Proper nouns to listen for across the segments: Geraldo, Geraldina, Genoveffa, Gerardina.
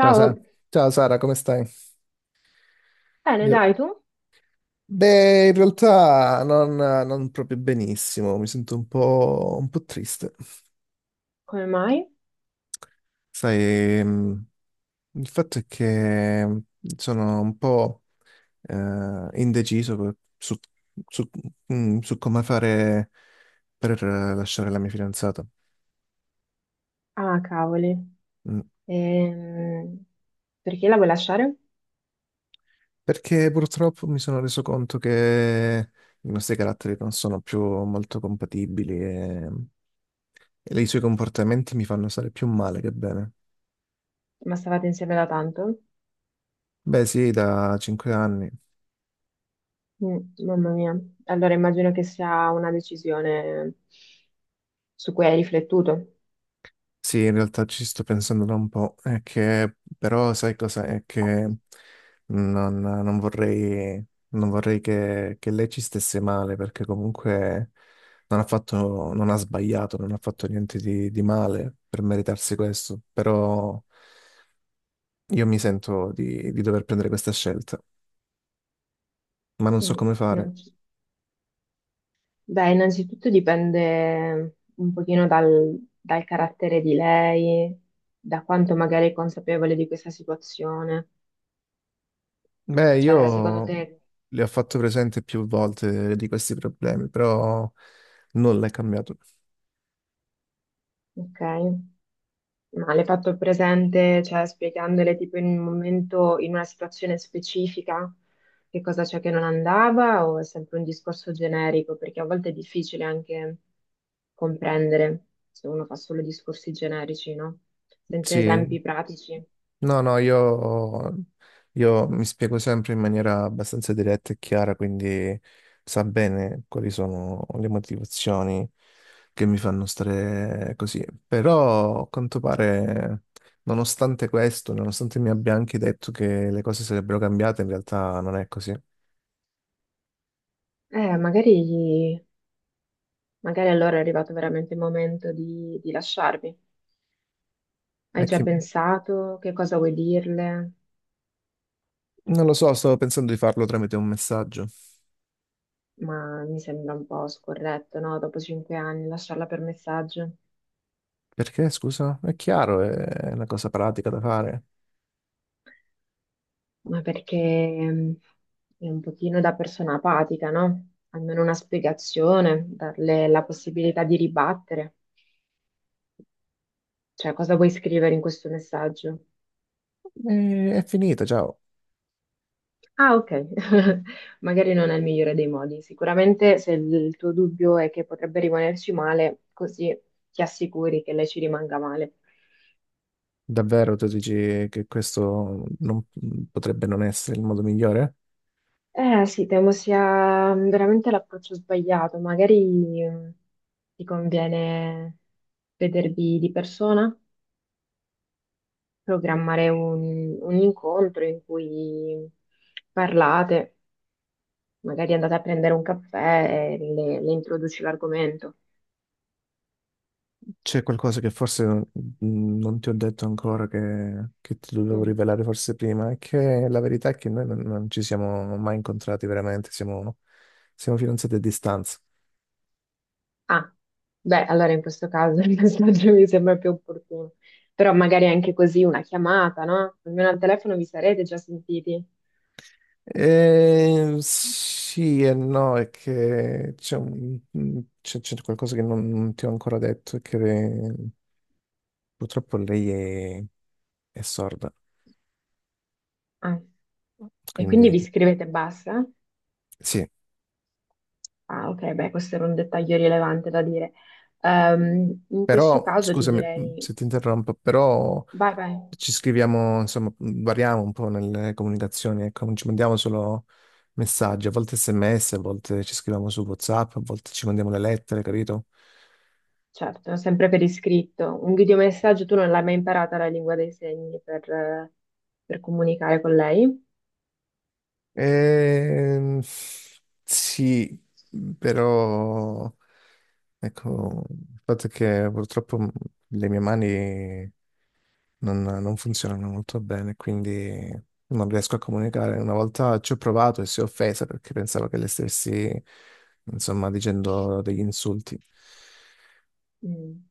Ciao, Ciao Sara, come stai? bene, Io- dai tu? Beh, in realtà non proprio benissimo, mi sento un po' triste. Come mai? Sai, il fatto è che sono un po' indeciso su, su- su come fare per lasciare la mia fidanzata. Ah, cavoli. Mm, Ehm, Perché la vuoi lasciare? perché purtroppo mi sono reso conto che i nostri caratteri non sono più molto compatibili e i suoi comportamenti mi fanno stare più male che bene. Ma stavate insieme da tanto? Beh, sì, da cinque anni. Mm, mamma mia. Allora immagino che sia una decisione su cui hai riflettuto. Sì, in realtà ci sto pensando da un po'. È che, però, sai cosa? È che non vorrei, non vorrei che lei ci stesse male, perché comunque non ha sbagliato, non ha fatto niente di male per meritarsi questo. Però io mi sento di dover prendere questa scelta, ma non so Mm. come fare. innanzi- Beh, innanzitutto dipende un pochino dal carattere di lei, da quanto magari è consapevole di questa situazione. Beh, Cioè, secondo io te, le ho fatto presente più volte di questi problemi, però nulla è cambiato. ok? Ma le hai fatto presente, cioè spiegandole tipo in un in una situazione specifica, che cosa c'è che non andava o è sempre un discorso generico? Perché a volte è difficile anche comprendere se uno fa solo discorsi generici, no? Senza Sì, esempi pratici. no, no, io mi spiego sempre in maniera abbastanza diretta e chiara, quindi sa bene quali sono le motivazioni che mi fanno stare così. Però, a quanto pare, nonostante questo, nonostante mi abbia anche detto che le cose sarebbero cambiate, in realtà non è così. Eh, magari, magari allora è arrivato veramente il momento di lasciarvi. Hai È già che pensato che cosa vuoi dirle? non lo so, stavo pensando di farlo tramite un messaggio. Ma mi sembra un po' scorretto, no? Dopo 5 anni lasciarla per messaggio. Perché, scusa? È chiaro, è una cosa pratica da fare. Ma perché mh, è un pochino da persona apatica, no? Almeno una spiegazione, darle la possibilità di ribattere. Cioè, cosa vuoi scrivere in questo messaggio? E è finita, ciao. Ah, ok, magari non è il migliore dei modi. Sicuramente se il tuo dubbio è che potrebbe rimanerci male, così ti assicuri che lei ci rimanga male. Davvero tu dici che questo potrebbe non essere il modo migliore? Eh sì, temo sia veramente l'approccio sbagliato. Magari ti conviene vedervi di persona? Programmare un incontro in cui parlate, magari andate a prendere un caffè e le introduci l'argomento. C'è qualcosa che forse non ti ho detto ancora che ti dovevo Mm. rivelare forse prima? È che la verità è che noi non ci siamo mai incontrati veramente, siamo, siamo fidanzati a distanza. Ah, beh, allora in questo caso il messaggio mi sembra più opportuno. Però magari anche così una chiamata, no? Almeno al telefono vi sarete già sentiti. Sì e no, è che c'è un- mm, c'è- c'è qualcosa che non ti ho ancora detto, è che purtroppo è sorda, Ah, e quindi quindi vi scrivete e basta? sì, Ah, ok, beh, questo era un dettaglio rilevante da dire. In questo però caso ti scusami direi, se ti interrompo, però vai, vai. ci scriviamo, insomma, variamo un po' nelle comunicazioni, ecco, non ci mandiamo solo messaggi, a volte SMS, a volte ci scriviamo su WhatsApp, a volte ci mandiamo le lettere, capito? Certo, sempre per iscritto. Un videomessaggio tu non l'hai mai imparata la lingua dei segni per comunicare con lei? Ehm, sì, però ecco, il fatto è che purtroppo le mie mani non funzionano molto bene, quindi non riesco a comunicare. Una volta ci ho provato e si è offesa perché pensavo che le stessi, insomma, dicendo degli insulti. Mm.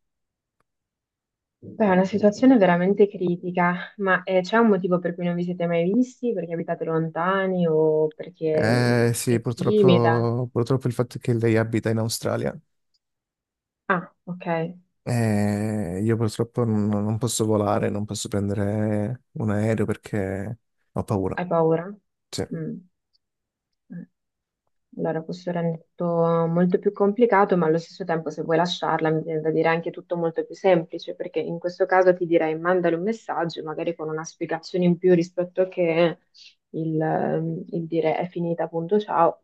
Beh, è una situazione veramente critica, ma c'è un motivo per cui non vi siete mai visti? Perché abitate lontani o perché Eh sì, è timida? Purtroppo il fatto è che lei abita in Australia. Ah, ok, hai Io purtroppo non posso volare, non posso prendere un aereo perché ho paura. paura? Sì. Mm. Eh. Allora, questo rende tutto molto più complicato, ma allo stesso tempo, se vuoi lasciarla, mi viene da dire anche tutto molto più semplice, perché in questo caso ti direi mandale un messaggio, magari con una spiegazione in più rispetto a che il dire è finita, appunto, ciao.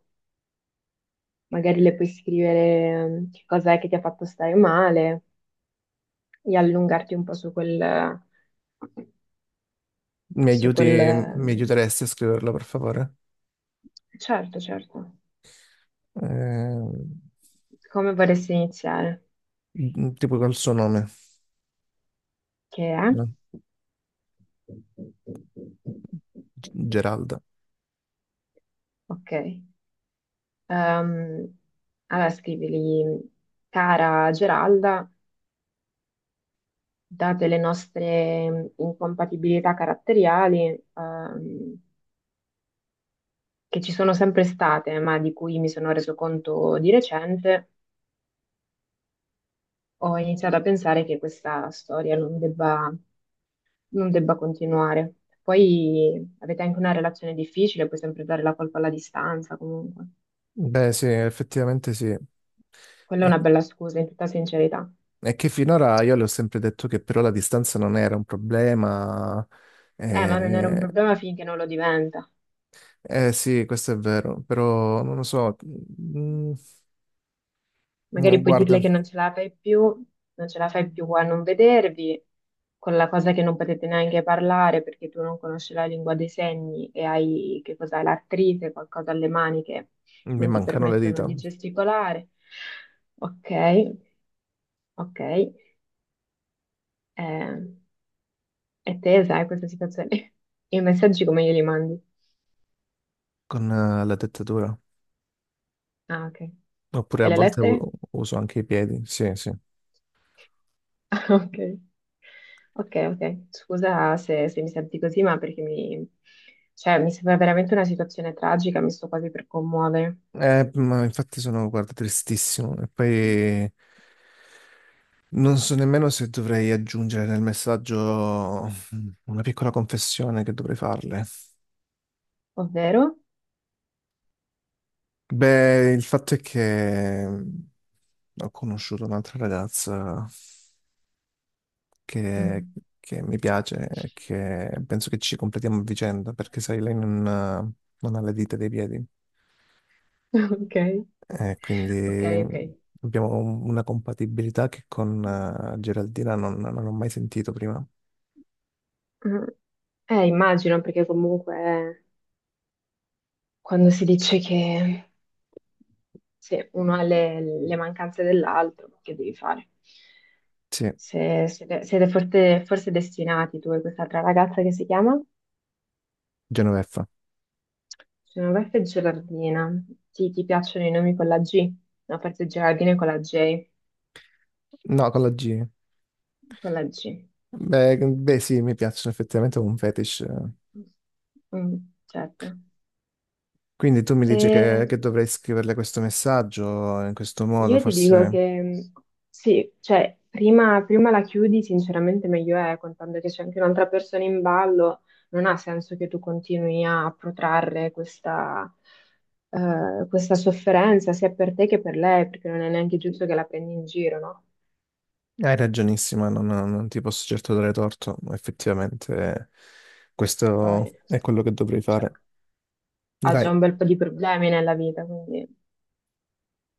Magari le puoi scrivere che cos'è che ti ha fatto stare male e allungarti un po' su quel, Mi su aiuti, quel... mi ehm, aiuteresti a scriverlo, per favore? Certo, certo. Eh, Come vorresti iniziare? tipo col suo nome, Che è? no? Geralda. Ok. Ehm, allora scrivili, cara Geralda, date le nostre incompatibilità caratteriali, che ci sono sempre state, ma di cui mi sono reso conto di recente, ho iniziato a pensare che questa storia non debba continuare. Poi avete anche una relazione difficile, puoi sempre dare la colpa alla distanza, comunque. Beh, sì, effettivamente sì. Quella è E una bella scusa, in tutta sincerità. è che finora io le ho sempre detto che però la distanza non era un problema. Ma non era un Eh, problema finché non lo diventa. Sì, questo è vero, però non lo so. Magari puoi Guarda, dirle che non ce la fai più, non ce la fai più a non vedervi, con la cosa che non potete neanche parlare perché tu non conosci la lingua dei segni e hai, che cos'hai, l'artrite, qualcosa alle mani che mi non ti mancano le permettono dita di gesticolare. Ok, ok. Eh, e te sai questa situazione? I messaggi come glieli mandi? con la dettatura. Ah, ok. Oppure E a le volte lettere? uso anche i piedi. Sì, sì. Ok, ok, ok. Scusa se mi senti così, ma perché mi, cioè, mi sembra veramente una situazione tragica, mi sto quasi per commuovere. Ma infatti sono, guarda, tristissimo. E poi non so nemmeno se dovrei aggiungere nel messaggio una piccola confessione che dovrei farle. Ovvero? Beh, il fatto è che ho conosciuto un'altra ragazza che, Mm. che mi piace e che penso che ci completiamo a vicenda, perché sai, lei non ha le dita dei piedi. Ok, E quindi ok, mh, ok. abbiamo una compatibilità che con Geraldina non ho mai sentito prima. Mm. Immagino, perché comunque quando si dice che se uno ha le mancanze dell'altro, che devi fare? Sì, Se, siete siete forse destinati tu e quest'altra ragazza che si chiama? Genoveffa. Genoveffa e Gerardina. Sì, ti piacciono i nomi con la G? No, forse Gerardina è con la J. No, con la G. Con la G. Beh, beh, sì, mi piacciono effettivamente è un fetish. Eh. Mm, certo. Quindi tu mi E dici che dovrei scriverle questo messaggio in questo modo, io ti dico forse che sì, cioè, prima la chiudi, sinceramente meglio è, contando che c'è anche un'altra persona in ballo, non ha senso che tu continui a protrarre questa, questa sofferenza, sia per te che per lei, perché non è neanche giusto che la prendi in giro, no? hai ragionissima, non ti posso certo dare torto, effettivamente questo Poi... è quello che dovrei cioè, fare. ha già Dai, un bel po' di problemi nella vita, quindi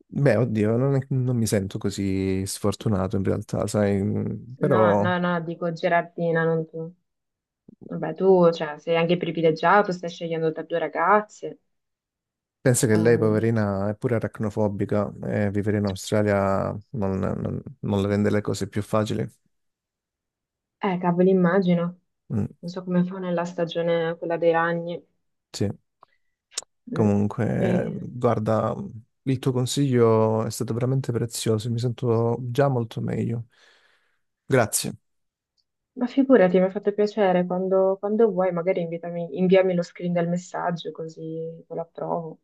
beh, oddio, non mi sento così sfortunato in realtà, sai, no, però no, no, dico Gerardina, non tu. Vabbè, tu, cioè, sei anche privilegiato, stai scegliendo tra due ragazze. penso che lei, Ehm, poverina, è pure aracnofobica e vivere in Australia non le rende le cose più facili. eh, cavolo, immagino. Mm, Non so come fa nella stagione quella dei ragni. sì. Mm. Comunque, Eh, guarda, il tuo consiglio è stato veramente prezioso, mi sento già molto meglio. Grazie. ma figurati, mi ha fatto piacere, quando vuoi magari inviami lo screen del messaggio così lo approvo.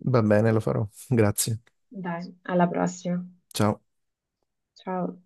Va bene, lo farò. Grazie. Dai, alla prossima. Ciao. Ciao.